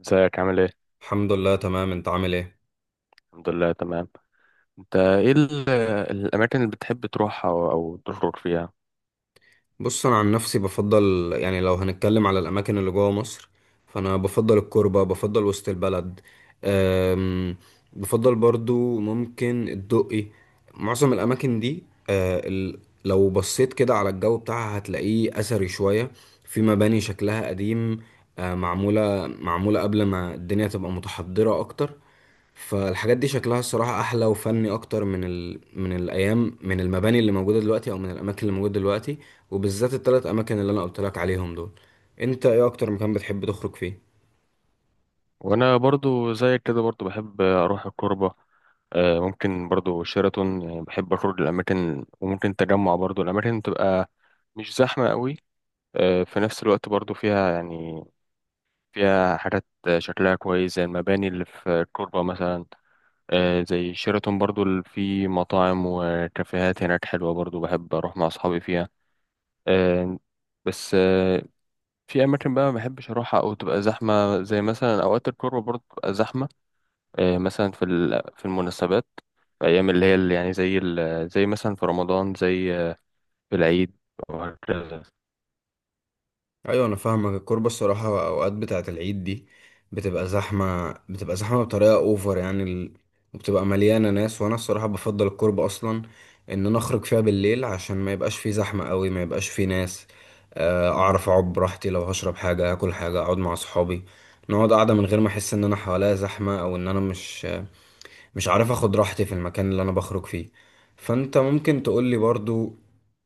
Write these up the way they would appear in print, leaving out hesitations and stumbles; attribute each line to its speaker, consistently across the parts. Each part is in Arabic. Speaker 1: ازيك عامل ايه؟
Speaker 2: الحمد لله، تمام. انت عامل ايه؟
Speaker 1: الحمد لله تمام. انت ايه الاماكن اللي بتحب تروحها او تخرج فيها؟
Speaker 2: بص، انا عن نفسي بفضل، يعني لو هنتكلم على الاماكن اللي جوه مصر، فانا بفضل الكوربه، بفضل وسط البلد. أم، بفضل برضو ممكن الدقي. معظم الاماكن دي، أه، ال- لو بصيت كده على الجو بتاعها هتلاقيه اثري شويه، في مباني شكلها قديم. معموله قبل ما الدنيا تبقى متحضره اكتر. فالحاجات دي شكلها الصراحة أحلى وفني أكتر من الأيام، من المباني اللي موجودة دلوقتي، أو من الأماكن اللي موجودة دلوقتي، وبالذات التلات اماكن اللي انا قلت لك عليهم دول. انت ايه اكتر مكان بتحب تخرج فيه؟
Speaker 1: وانا برضو زيك كده برضو بحب اروح الكوربة. ممكن برضو شيراتون، يعني بحب اخرج الاماكن، وممكن تجمع برضو الاماكن، بتبقى مش زحمة قوي. في نفس الوقت برضو فيها يعني فيها حاجات شكلها كويس، زي المباني اللي في الكوربة مثلا. زي شيراتون برضو، اللي فيه مطاعم وكافيهات هناك حلوة، برضو بحب اروح مع اصحابي فيها. آه، بس آه، في اماكن بقى ما بحبش اروحها او تبقى زحمه، زي مثلا اوقات القرى برضه بتبقى زحمه. مثلا في المناسبات، في ايام اللي هي اللي يعني زي مثلا في رمضان، زي في العيد، وهكذا.
Speaker 2: ايوه، انا فاهمك. الكوربه الصراحه اوقات بتاعه العيد دي بتبقى زحمه بطريقه اوفر، وبتبقى مليانه ناس. وانا الصراحه بفضل الكوربه اصلا ان انا اخرج فيها بالليل عشان ما يبقاش فيه زحمه قوي، ما يبقاش فيه ناس، اعرف اقعد براحتي لو هشرب حاجه، اكل حاجه، اقعد مع اصحابي، نقعد قاعده من غير ما احس ان انا حواليا زحمه، او ان انا مش عارف اخد راحتي في المكان اللي انا بخرج فيه. فانت ممكن تقولي برضو،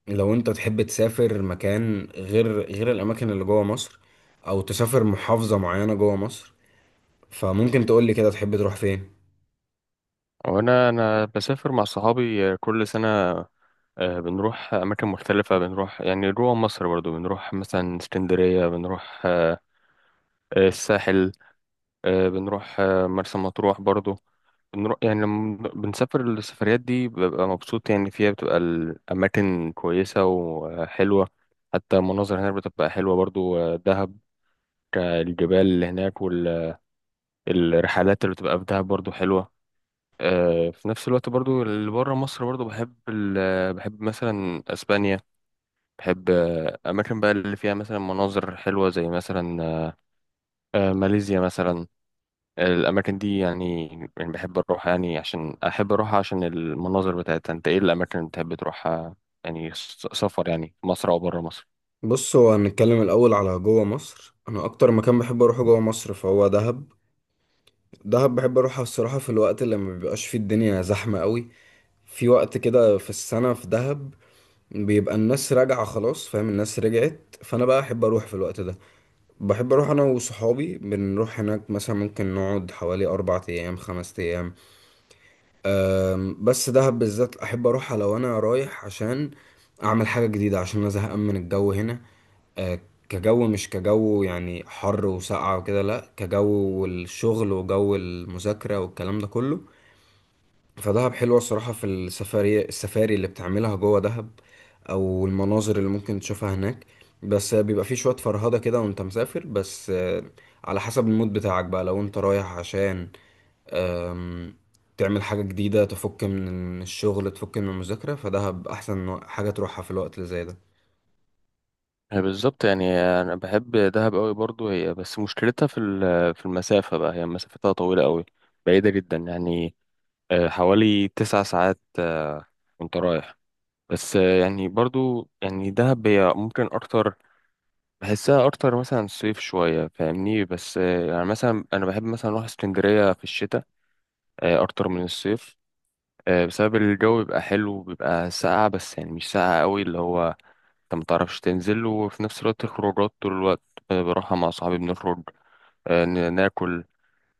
Speaker 2: لو انت تحب تسافر مكان غير الاماكن اللي جوه مصر، او تسافر محافظة معينة جوه مصر، فممكن تقولي كده تحب تروح فين؟
Speaker 1: وانا بسافر مع صحابي كل سنه. بنروح اماكن مختلفه، بنروح يعني جوه مصر برضه، بنروح مثلا اسكندريه، بنروح الساحل. بنروح مرسى مطروح برضو. بنروح يعني لما بنسافر السفريات دي ببقى مبسوط يعني فيها، بتبقى الأماكن كويسة وحلوة. حتى المناظر هناك بتبقى حلوة برضو. دهب، الجبال اللي هناك، والرحلات اللي بتبقى في دهب برضو حلوة. في نفس الوقت برضو اللي بره مصر برضو بحب بحب مثلا أسبانيا. بحب أماكن بقى اللي فيها مثلا مناظر حلوة، زي مثلا ماليزيا مثلا. الأماكن دي يعني، يعني بحب أروح يعني عشان أحب أروح عشان المناظر بتاعتها. أنت إيه الأماكن اللي بتحب تروحها يعني سفر، يعني في مصر أو برا مصر؟
Speaker 2: بص، هو هنتكلم الاول على جوه مصر. انا اكتر مكان بحب اروحه جوه مصر فهو دهب. دهب بحب اروحها الصراحة في الوقت اللي ما بيبقاش فيه الدنيا زحمة قوي، في وقت كده في السنة في دهب بيبقى الناس راجعة خلاص، فاهم، الناس رجعت، فانا بقى احب اروح في الوقت ده. بحب اروح انا وصحابي، بنروح هناك مثلا، ممكن نقعد حوالي 4 ايام، 5 ايام. بس دهب بالذات احب اروحها لو انا رايح عشان اعمل حاجه جديده، عشان انا زهقان من الجو هنا. أه، كجو، مش كجو يعني حر وسقعه وكده، لا، كجو والشغل وجو المذاكره والكلام ده كله. فدهب حلوة الصراحة في السفاري اللي بتعملها جوه دهب، أو المناظر اللي ممكن تشوفها هناك. بس بيبقى فيه شوية فرهدة كده وانت مسافر. بس على حسب المود بتاعك بقى، لو انت رايح عشان آم، تعمل حاجة جديدة، تفك من الشغل، تفك من المذاكرة، فدهب أحسن حاجة تروحها في الوقت اللي زي ده.
Speaker 1: هي بالظبط يعني أنا بحب دهب أوي برضو، هي بس مشكلتها في المسافة بقى، هي مسافتها طويلة أوي، بعيدة جدا يعني. حوالي تسع ساعات وأنت رايح. بس آه، يعني برضو يعني دهب هي ممكن أكتر بحسها أكتر مثلا صيف شوية، فاهمني؟ بس آه، يعني مثلا أنا بحب مثلا أروح اسكندرية في الشتاء اكتر من الصيف. بسبب الجو بيبقى حلو، بيبقى ساقع بس يعني مش ساقع قوي، اللي هو انت متعرفش تنزل، وفي نفس الوقت الخروجات طول الوقت. بروحها مع صحابي، بنخرج ناكل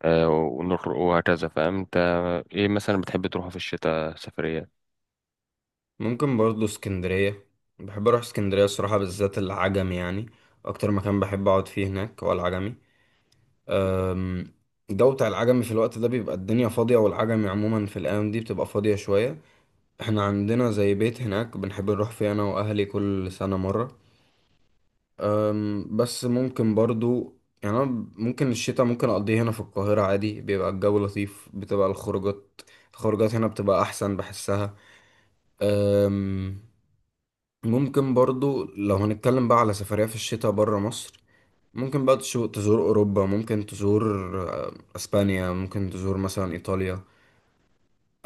Speaker 1: ونخرج وهكذا، فاهم انت. ايه مثلا بتحب تروحها في الشتاء سفرية؟
Speaker 2: ممكن برضه اسكندرية. بحب أروح اسكندرية الصراحة، بالذات العجمي يعني. أكتر مكان بحب أقعد فيه هناك هو العجمي. الجو بتاع العجمي في الوقت ده بيبقى الدنيا فاضية، والعجمي عموما في الأيام دي بتبقى فاضية شوية. احنا عندنا زي بيت هناك بنحب نروح فيه أنا وأهلي كل سنة مرة. بس ممكن برضو، يعني أنا، ممكن الشتاء ممكن أقضيه هنا في القاهرة عادي، بيبقى الجو لطيف، بتبقى الخروجات. الخروجات هنا بتبقى أحسن، بحسها. أم، ممكن برضو لو هنتكلم بقى على سفرية في الشتاء برا مصر، ممكن بقى تزور أوروبا، ممكن تزور أسبانيا، ممكن تزور مثلا إيطاليا.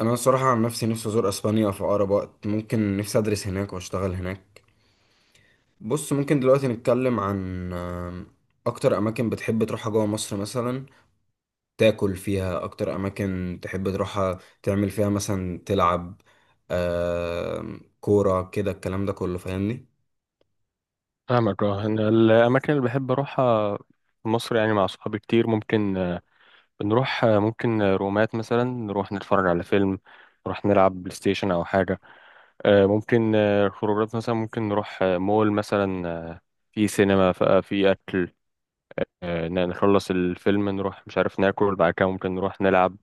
Speaker 2: انا الصراحه عن نفسي، نفسي ازور اسبانيا في اقرب وقت ممكن، نفسي ادرس هناك واشتغل هناك. بص، ممكن دلوقتي نتكلم عن اكتر اماكن بتحب تروحها جوه مصر، مثلا تاكل فيها، اكتر اماكن تحب تروحها تعمل فيها مثلا، تلعب كوره كده، الكلام ده كله، فاهمني؟
Speaker 1: فاهمك. اه، انا الاماكن اللي بحب اروحها في مصر يعني مع صحابي كتير، ممكن بنروح آه، ممكن آه، رومات مثلا، نروح نتفرج على فيلم، نروح نلعب بلاي ستيشن او حاجه. آه، ممكن آه، خروجات مثلا، ممكن نروح مول مثلا، في سينما، في أكل. نخلص الفيلم، نروح مش عارف ناكل بعد كده، ممكن نروح نلعب.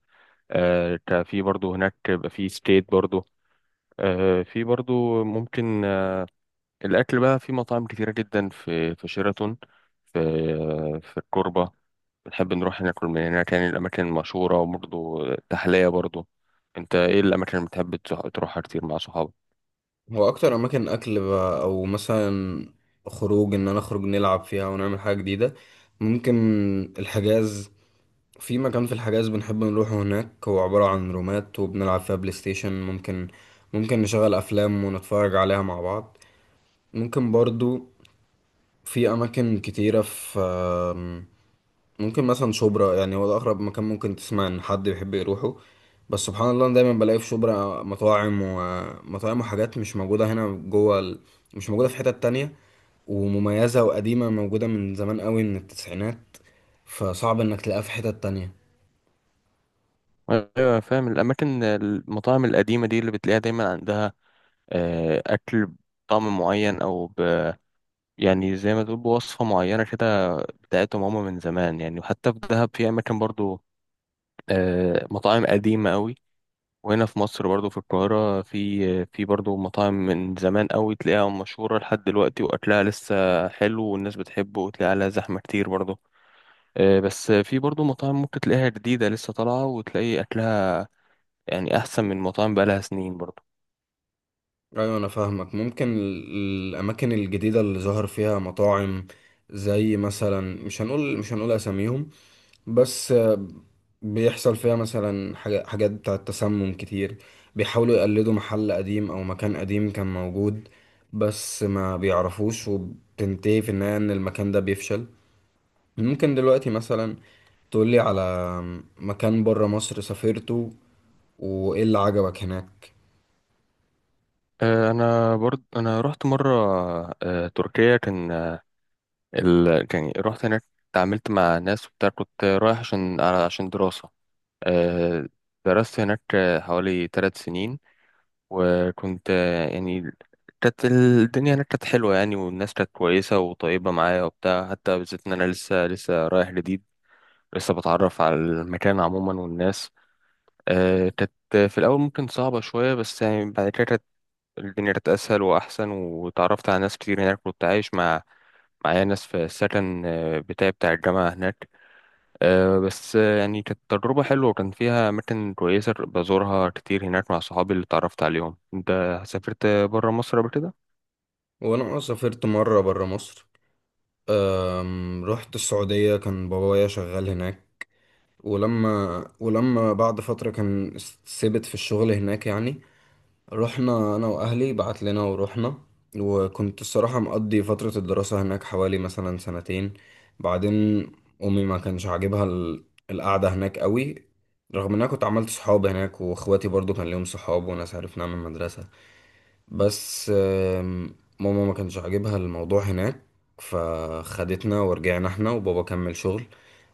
Speaker 1: في برضو هناك بيبقى في سكيت برضو. آه، في برضو ممكن آه، الأكل بقى في مطاعم كتيرة جدا، في شيراتون، في في الكوربة، بنحب نروح ناكل من هناك، يعني الأماكن المشهورة، وبرضو تحلية برضو. أنت إيه الأماكن اللي بتحب تروحها كتير مع صحابك؟
Speaker 2: هو اكتر اماكن اكل بقى، او مثلا خروج ان انا اخرج نلعب فيها ونعمل حاجه جديده، ممكن الحجاز. في مكان في الحجاز بنحب نروحه هناك، هو عبارة عن رومات وبنلعب فيها بلاي ستيشن، ممكن نشغل أفلام ونتفرج عليها مع بعض. ممكن برضو في أماكن كتيرة في ممكن مثلا شبرا، يعني هو ده أقرب مكان ممكن تسمع إن حد بيحب يروحه، بس سبحان الله أنا دايما بلاقي في شبرا مطاعم ومطاعم وحاجات مش موجودة هنا مش موجودة في حتت تانية، ومميزة وقديمة، موجودة من زمان قوي، من التسعينات، فصعب إنك تلاقيها في حتت تانية.
Speaker 1: ايوه، فاهم. الاماكن المطاعم القديمه دي اللي بتلاقيها دايما عندها اكل بطعم معين او ب، يعني زي ما تقول بوصفه معينه كده بتاعتهم هما من زمان يعني. وحتى في دهب في اماكن برضو مطاعم قديمه قوي. وهنا في مصر برضو في القاهره، في برضو مطاعم من زمان قوي تلاقيها مشهوره لحد دلوقتي، واكلها لسه حلو والناس بتحبه، وتلاقي عليها زحمه كتير برضو. بس في برضو مطاعم ممكن تلاقيها جديده لسه طالعه، وتلاقي اكلها يعني احسن من مطاعم بقالها سنين برضو.
Speaker 2: ايوه، انا فاهمك. ممكن الاماكن الجديده اللي ظهر فيها مطاعم، زي مثلا، مش هنقول اساميهم، بس بيحصل فيها مثلا حاجات بتاعه تسمم كتير. بيحاولوا يقلدوا محل قديم او مكان قديم كان موجود، بس ما بيعرفوش، وبتنتهي في النهايه ان المكان ده بيفشل. ممكن دلوقتي مثلا تقولي على مكان بره مصر سافرته، وايه اللي عجبك هناك؟
Speaker 1: انا برضو رحت مره تركيا. كان رحت هناك، اتعاملت مع ناس وبتاع، كنت رايح عشان دراسه. آه، درست هناك حوالي ثلاث سنين. وكنت يعني كانت الدنيا هناك كانت حلوه يعني، والناس كانت كويسه وطيبه معايا وبتاع، حتى بالذات ان انا لسه رايح جديد، لسه بتعرف على المكان عموما والناس. كانت في الأول ممكن صعبة شوية، بس يعني بعد كده الدنيا كانت أسهل وأحسن، وتعرفت على ناس كتير هناك. كنت عايش معايا ناس في السكن بتاعي بتاع الجامعة هناك. آه، بس آه، يعني كانت تجربة حلوة، وكان فيها أماكن كويسة بزورها كتير هناك مع صحابي اللي اتعرفت عليهم. أنت سافرت برا مصر قبل كده؟
Speaker 2: وانا سافرت مره بره مصر. رحت السعودية، كان بابايا شغال هناك، ولما بعد فترة كان ثبت في الشغل هناك يعني، رحنا أنا وأهلي، بعت لنا ورحنا. وكنت الصراحة مقضي فترة الدراسة هناك حوالي مثلا سنتين. بعدين أمي ما كانش عاجبها القعدة هناك قوي، رغم إن أنا كنت عملت صحاب هناك، وإخواتي برضو كان ليهم صحاب وناس عرفناها من المدرسة. بس ماما ما كانش عاجبها الموضوع هناك، فخدتنا ورجعنا احنا، وبابا كمل شغل.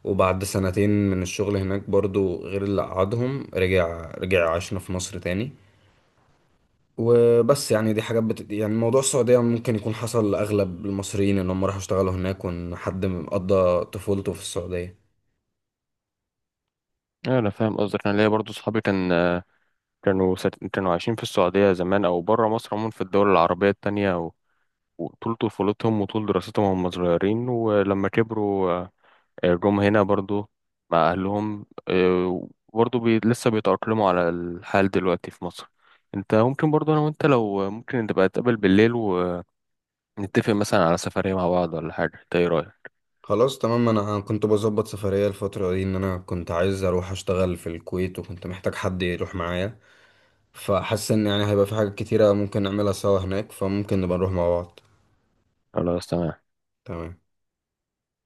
Speaker 2: وبعد سنتين من الشغل هناك برضو غير اللي قعدهم، رجع عاشنا في مصر تاني. وبس يعني دي حاجات يعني موضوع السعودية ممكن يكون حصل لأغلب المصريين، إن هم راحوا اشتغلوا هناك، وإن حد قضى طفولته في السعودية.
Speaker 1: أيوة، أنا فاهم قصدك. أنا ليا برضو صحابي كان كانوا عايشين في السعودية زمان، أو برا مصر عموما في الدول العربية التانية، وطول طفولتهم وطول دراستهم وهم صغيرين، ولما كبروا جم هنا برضو مع أهلهم. برضو بي لسه بيتأقلموا على الحال دلوقتي في مصر. انت ممكن برضو، انا وانت لو ممكن نبقى نتقابل بالليل ونتفق مثلا على سفرية مع بعض ولا حاجة، انت ايه رأيك؟
Speaker 2: خلاص، تمام. أنا كنت بظبط سفرية الفترة دي، إن أنا كنت عايز أروح أشتغل في الكويت، وكنت محتاج حد يروح معايا. فحاسس ان يعني هيبقى في حاجات كتيرة ممكن نعملها سوا هناك، فممكن نبقى نروح مع بعض.
Speaker 1: خلاص تمام.
Speaker 2: تمام.